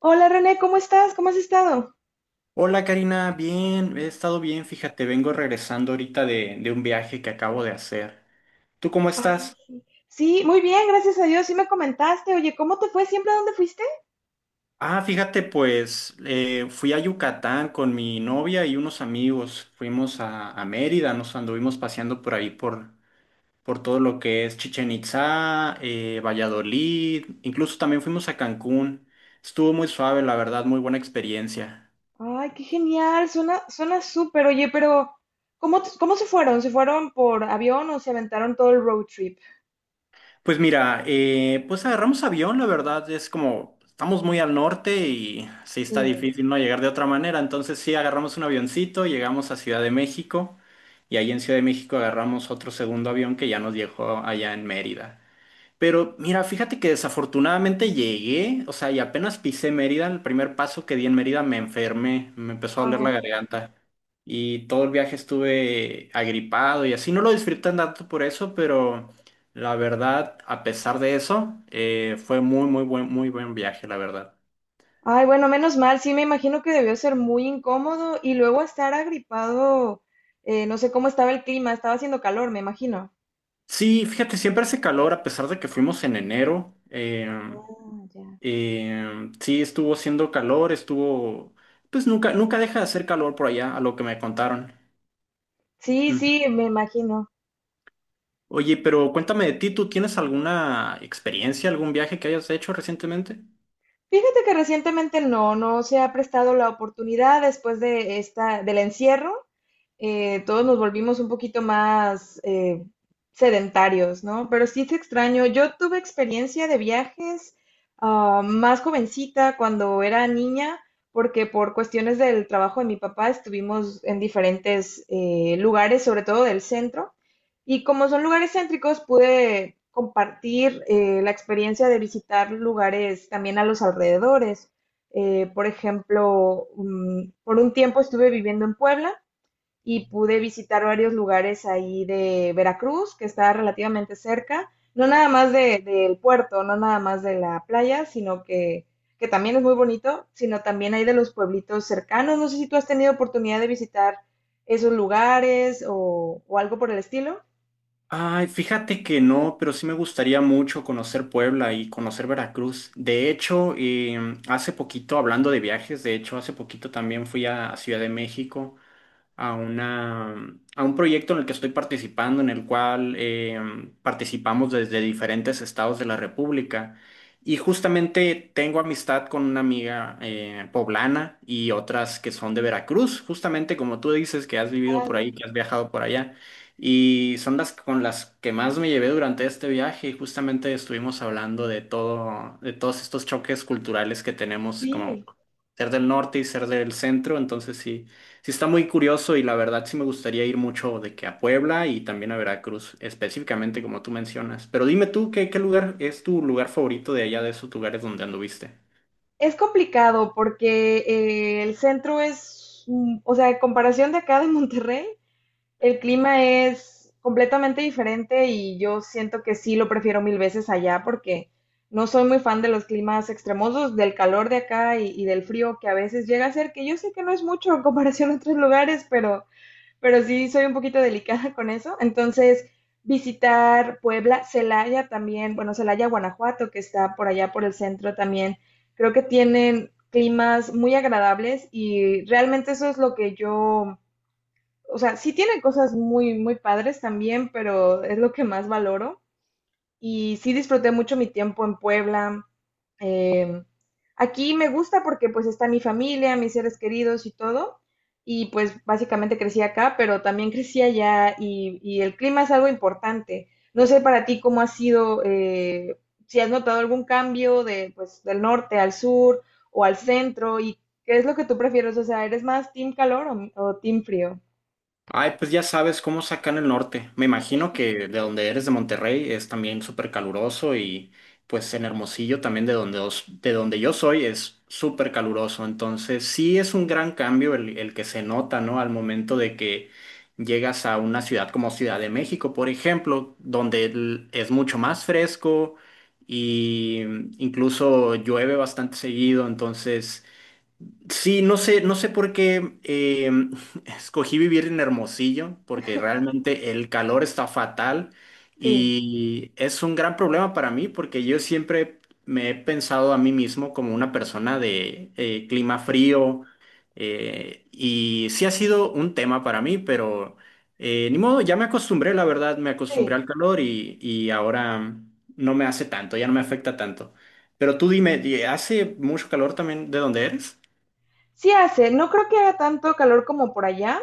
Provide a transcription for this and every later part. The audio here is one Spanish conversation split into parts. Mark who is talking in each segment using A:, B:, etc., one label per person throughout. A: Hola René, ¿cómo estás? ¿Cómo has estado?
B: Hola Karina, bien, he estado bien, fíjate, vengo regresando ahorita de un viaje que acabo de hacer. ¿Tú cómo
A: Ay,
B: estás?
A: sí. Sí, muy bien, gracias a Dios. Sí me comentaste. Oye, ¿cómo te fue siempre? ¿A dónde fuiste?
B: Ah, fíjate, pues fui a Yucatán con mi novia y unos amigos, fuimos a Mérida, nos anduvimos paseando por ahí por todo lo que es Chichén Itzá, Valladolid, incluso también fuimos a Cancún. Estuvo muy suave, la verdad, muy buena experiencia.
A: Ay, qué genial. Suena súper. Oye, pero ¿cómo, cómo se fueron? ¿Se fueron por avión o se aventaron todo el road trip?
B: Pues mira, pues agarramos avión, la verdad, es como estamos muy al norte y sí está
A: Sí.
B: difícil no llegar de otra manera, entonces sí agarramos un avioncito, llegamos a Ciudad de México y ahí en Ciudad de México agarramos otro segundo avión que ya nos dejó allá en Mérida. Pero mira, fíjate que desafortunadamente llegué, o sea, y apenas pisé Mérida, el primer paso que di en Mérida me enfermé, me empezó a doler la garganta y todo el viaje estuve agripado y así, no lo disfruté tanto por eso, pero la verdad, a pesar de eso, fue muy, muy buen viaje, la verdad.
A: Ay, bueno, menos mal, sí me imagino que debió ser muy incómodo y luego estar agripado, no sé cómo estaba el clima, estaba haciendo calor, me imagino.
B: Sí, fíjate, siempre hace calor a pesar de que fuimos en enero. eh,
A: Ah, ya.
B: eh, sí, estuvo haciendo calor, pues nunca, nunca deja de hacer calor por allá, a lo que me contaron.
A: Sí, sí, me imagino.
B: Oye, pero cuéntame de ti, ¿tú tienes alguna experiencia, algún viaje que hayas hecho recientemente?
A: Fíjate que recientemente no se ha prestado la oportunidad después de esta, del encierro. Todos nos volvimos un poquito más sedentarios, ¿no? Pero sí es extraño. Yo tuve experiencia de viajes más jovencita cuando era niña, porque por cuestiones del trabajo de mi papá estuvimos en diferentes lugares, sobre todo del centro. Y como son lugares céntricos, pude compartir la experiencia de visitar lugares también a los alrededores. Por ejemplo, por un tiempo estuve viviendo en Puebla y pude visitar varios lugares ahí de Veracruz, que está relativamente cerca, no nada más del puerto, no nada más de la playa, sino que también es muy bonito, sino también hay de los pueblitos cercanos. No sé si tú has tenido oportunidad de visitar esos lugares o algo por el estilo.
B: Ay, fíjate que no, pero sí me gustaría mucho conocer Puebla y conocer Veracruz. De hecho, hace poquito, hablando de viajes, de hecho, hace poquito también fui a Ciudad de México. a una, a un proyecto en el que estoy participando, en el cual participamos desde diferentes estados de la República. Y justamente tengo amistad con una amiga poblana y otras que son de Veracruz, justamente como tú dices, que has vivido
A: Ah,
B: por
A: ya.
B: ahí, que has viajado por allá. Y son las con las que más me llevé durante este viaje y justamente estuvimos hablando de todo, de todos estos choques culturales que tenemos como
A: Sí,
B: ser del norte y ser del centro. Entonces sí, sí está muy curioso y la verdad sí me gustaría ir mucho de que a Puebla y también a Veracruz, específicamente como tú mencionas. Pero dime tú, ¿qué lugar es tu lugar favorito de allá de esos lugares donde anduviste?
A: es complicado porque el centro es, mm, o sea, en comparación de acá de Monterrey, el clima es completamente diferente y yo siento que sí lo prefiero mil veces allá porque no soy muy fan de los climas extremosos, del calor de acá y del frío que a veces llega a ser, que yo sé que no es mucho en comparación a otros lugares, pero sí soy un poquito delicada con eso. Entonces, visitar Puebla, Celaya también, bueno, Celaya, Guanajuato, que está por allá por el centro también, creo que tienen climas muy agradables y realmente eso es lo que yo o sea, sí tiene cosas muy, muy padres también, pero es lo que más valoro. Y sí disfruté mucho mi tiempo en Puebla. Eh, Aquí me gusta porque pues está mi familia, mis seres queridos y todo. Y pues básicamente crecí acá, pero también crecí allá y el clima es algo importante. No sé para ti cómo ha sido, si has notado algún cambio de, pues, del norte al sur o al centro y qué es lo que tú prefieres. O sea, ¿eres más team calor o team frío?
B: Ay, pues ya sabes cómo es acá en el norte. Me imagino que de donde eres de Monterrey es también súper caluroso y pues en Hermosillo también de donde yo soy es súper caluroso. Entonces sí es un gran cambio el que se nota, ¿no? Al momento de que llegas a una ciudad como Ciudad de México, por ejemplo, donde es mucho más fresco y incluso llueve bastante seguido. Entonces. Sí, no sé por qué escogí vivir en Hermosillo, porque realmente el calor está fatal
A: Sí,
B: y es un gran problema para mí, porque yo siempre me he pensado a mí mismo como una persona de clima frío y sí ha sido un tema para mí, pero ni modo, ya me acostumbré, la verdad, me acostumbré
A: sí.
B: al calor y ahora no me hace tanto, ya no me afecta tanto. Pero tú dime, ¿hace mucho calor también de donde eres?
A: Sí hace, no creo que haga tanto calor como por allá,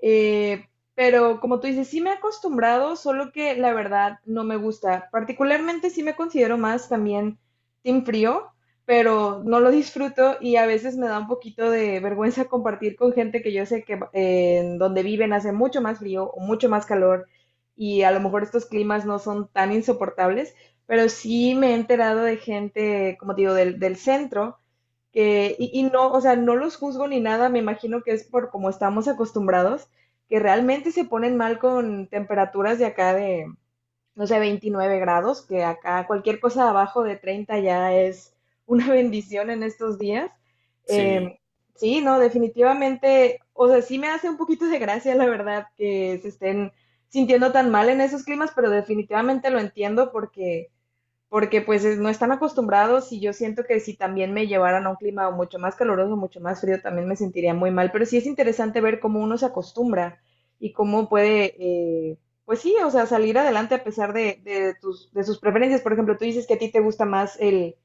A: eh, pero como tú dices, sí me he acostumbrado, solo que la verdad no me gusta. Particularmente sí me considero más también team frío, pero no lo disfruto y a veces me da un poquito de vergüenza compartir con gente que yo sé que en donde viven hace mucho más frío o mucho más calor y a lo mejor estos climas no son tan insoportables, pero sí me he enterado de gente, como te digo, del, del centro que, y no, o sea, no los juzgo ni nada, me imagino que es por como estamos acostumbrados, que realmente se ponen mal con temperaturas de acá de, no sé, 29 grados, que acá cualquier cosa abajo de 30 ya es una bendición en estos días.
B: Sí,
A: Eh, sí, no, definitivamente, o sea, sí me hace un poquito de gracia, la verdad, que se estén sintiendo tan mal en esos climas, pero definitivamente lo entiendo porque pues no están acostumbrados y yo siento que si también me llevaran a un clima mucho más caluroso, mucho más frío, también me sentiría muy mal, pero sí es interesante ver cómo uno se acostumbra y cómo puede, eh, pues sí, o sea, salir adelante a pesar de tus, de sus preferencias. Por ejemplo, tú dices que a ti te gusta más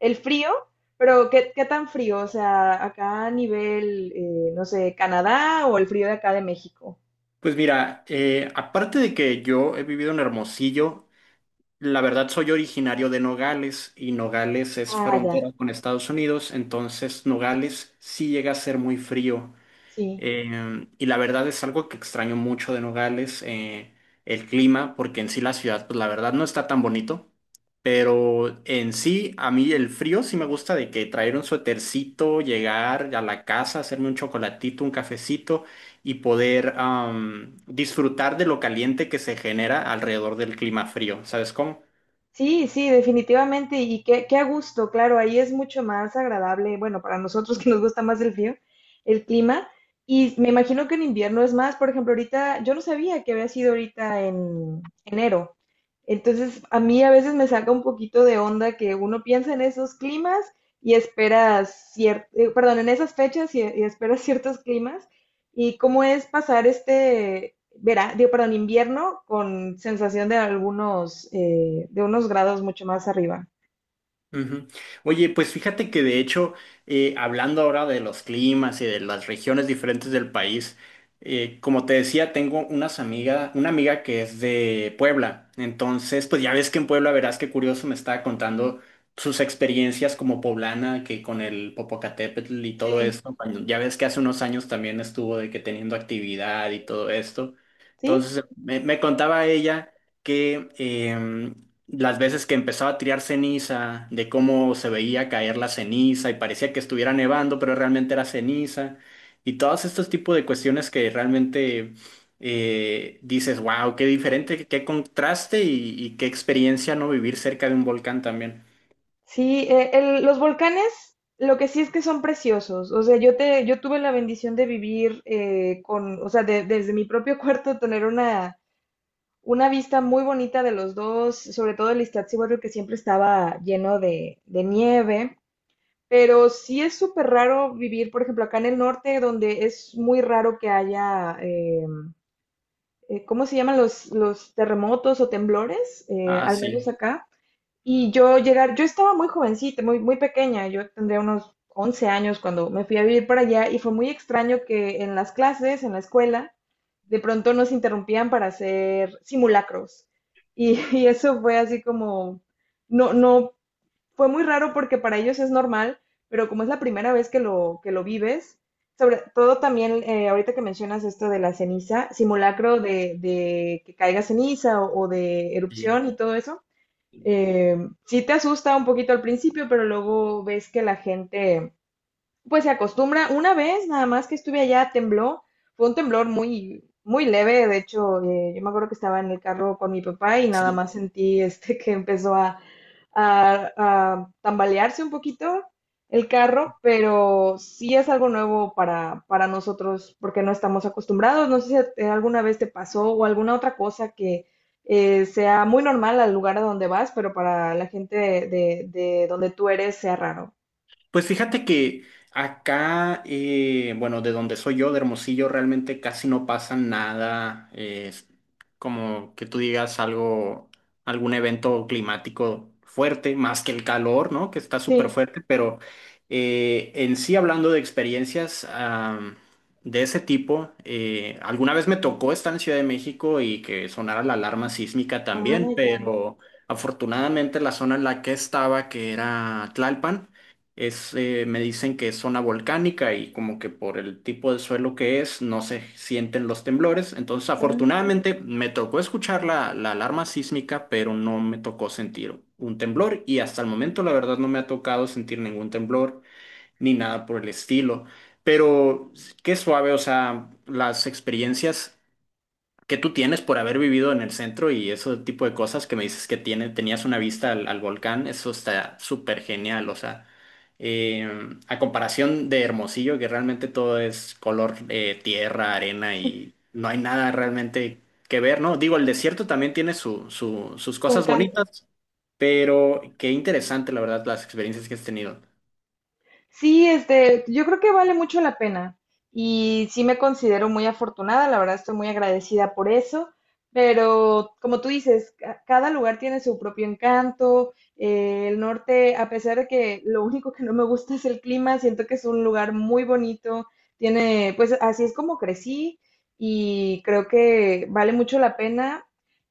A: el frío, pero ¿qué, qué tan frío? O sea, acá a nivel, no sé, ¿Canadá o el frío de acá de México?
B: pues mira, aparte de que yo he vivido en Hermosillo, la verdad soy originario de Nogales y Nogales es
A: Ah, ya,
B: frontera con Estados Unidos, entonces Nogales sí llega a ser muy frío
A: sí.
B: y la verdad es algo que extraño mucho de Nogales, el clima, porque en sí la ciudad, pues la verdad no está tan bonito. Pero en sí, a mí el frío sí me gusta de que traer un suétercito, llegar a la casa, hacerme un chocolatito, un cafecito y poder disfrutar de lo caliente que se genera alrededor del clima frío. ¿Sabes cómo?
A: Sí, sí, definitivamente. Y qué, qué a gusto, claro, ahí es mucho más agradable, bueno, para nosotros que nos gusta más el frío, el clima. Y me imagino que en invierno es más, por ejemplo, ahorita, yo no sabía que había sido ahorita en enero. Entonces, a mí a veces me saca un poquito de onda que uno piensa en esos climas y espera cierto, perdón, en esas fechas y espera ciertos climas. ¿Y cómo es pasar este verano, digo, perdón, invierno con sensación de algunos, de unos grados mucho más arriba?
B: Ujú. Oye, pues fíjate que de hecho, hablando ahora de los climas y de las regiones diferentes del país, como te decía, tengo una amiga que es de Puebla. Entonces, pues ya ves que en Puebla, verás qué curioso, me estaba contando sus experiencias como poblana, que con el Popocatépetl y todo
A: Sí.
B: esto. Ya ves que hace unos años también estuvo de que teniendo actividad y todo esto.
A: ¿Sí?
B: Entonces, me contaba ella que las veces que empezaba a tirar ceniza, de cómo se veía caer la ceniza y parecía que estuviera nevando, pero realmente era ceniza, y todos estos tipos de cuestiones que realmente dices, wow, qué diferente, qué contraste y qué experiencia no vivir cerca de un volcán también.
A: Sí, los volcanes, lo que sí es que son preciosos. O sea, yo tuve la bendición de vivir con, o sea, desde mi propio cuarto tener una vista muy bonita de los dos, sobre todo el Iztaccíhuatl, que siempre estaba lleno de nieve. Pero sí es súper raro vivir, por ejemplo, acá en el norte, donde es muy raro que haya, ¿cómo se llaman los terremotos o temblores?
B: Ah,
A: Al menos
B: sí,
A: acá. Y yo llegar, yo estaba muy jovencita, muy, muy pequeña, yo tendría unos 11 años cuando me fui a vivir para allá y fue muy extraño que en las clases, en la escuela, de pronto nos interrumpían para hacer simulacros. Y, y eso fue así como, no, no, fue muy raro porque para ellos es normal, pero como es la primera vez que lo vives, sobre todo también, ahorita que mencionas esto de la ceniza, simulacro de que caiga ceniza o de
B: sí,
A: erupción y todo eso, eh, sí te asusta un poquito al principio, pero luego ves que la gente pues se acostumbra. Una vez nada más que estuve allá, tembló. Fue un temblor muy, muy leve. De hecho, yo me acuerdo que estaba en el carro con mi papá y nada
B: sí.
A: más sentí este que empezó a, a tambalearse un poquito el carro, pero sí es algo nuevo para nosotros porque no estamos acostumbrados. No sé si alguna vez te pasó o alguna otra cosa que sea muy normal al lugar a donde vas, pero para la gente de, de donde tú eres sea raro.
B: Pues fíjate que acá, bueno, de donde soy yo, de Hermosillo, realmente casi no pasa nada, es como que tú digas algo, algún evento climático fuerte, más que el calor, ¿no? Que está súper
A: Sí.
B: fuerte, pero en sí hablando de experiencias de ese tipo, alguna vez me tocó estar en Ciudad de México y que sonara la alarma sísmica
A: Ah,
B: también,
A: ya.
B: pero afortunadamente la zona en la que estaba, que era Tlalpan, me dicen que es zona volcánica y como que por el tipo de suelo que es no se sienten los temblores. Entonces,
A: Mm,
B: afortunadamente me tocó escuchar la alarma sísmica, pero no me tocó sentir un temblor y hasta el momento la verdad no me ha tocado sentir ningún temblor ni nada por el estilo. Pero qué suave, o sea, las experiencias que tú tienes por haber vivido en el centro y ese tipo de cosas que me dices que tenías una vista al volcán, eso está súper genial, o sea, eh, a comparación de Hermosillo, que realmente todo es color tierra, arena y no hay nada realmente que ver, ¿no? Digo, el desierto también tiene sus
A: su
B: cosas
A: encanto.
B: bonitas, pero qué interesante, la verdad, las experiencias que has tenido.
A: Sí, este, yo creo que vale mucho la pena y sí me considero muy afortunada, la verdad estoy muy agradecida por eso, pero como tú dices, cada lugar tiene su propio encanto, el norte, a pesar de que lo único que no me gusta es el clima, siento que es un lugar muy bonito, tiene, pues así es como crecí y creo que vale mucho la pena.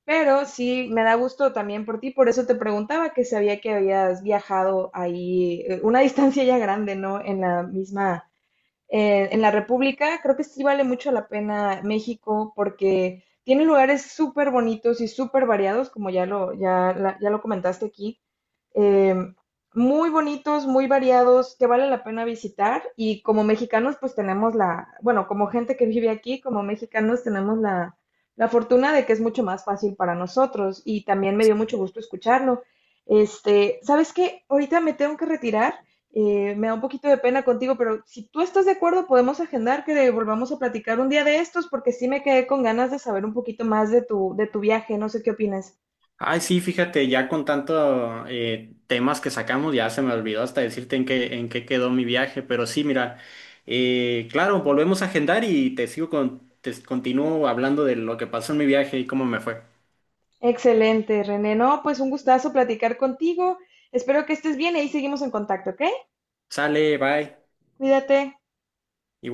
A: Pero sí, me da gusto también por ti, por eso te preguntaba que sabía que habías viajado ahí una distancia ya grande, ¿no? En la misma, en la República, creo que sí vale mucho la pena México porque tiene lugares súper bonitos y súper variados, como ya lo, ya, ya lo comentaste aquí, eh, muy bonitos, muy variados, que vale la pena visitar. Y como mexicanos, pues tenemos la, bueno, como gente que vive aquí, como mexicanos tenemos la, la fortuna de que es mucho más fácil para nosotros. Y también me dio mucho gusto escucharlo. Este, ¿sabes qué? Ahorita me tengo que retirar. Me da un poquito de pena contigo, pero si tú estás de acuerdo, podemos agendar que volvamos a platicar un día de estos, porque sí me quedé con ganas de saber un poquito más de tu viaje. No sé qué opinas.
B: Ay, sí, fíjate, ya con tanto temas que sacamos, ya se me olvidó hasta decirte en qué quedó mi viaje, pero sí, mira, claro, volvemos a agendar y te continúo hablando de lo que pasó en mi viaje y cómo me fue.
A: Excelente, René. No, pues un gustazo platicar contigo. Espero que estés bien y ahí seguimos en contacto, ¿ok?
B: Sale, bye.
A: Cuídate.
B: Igual.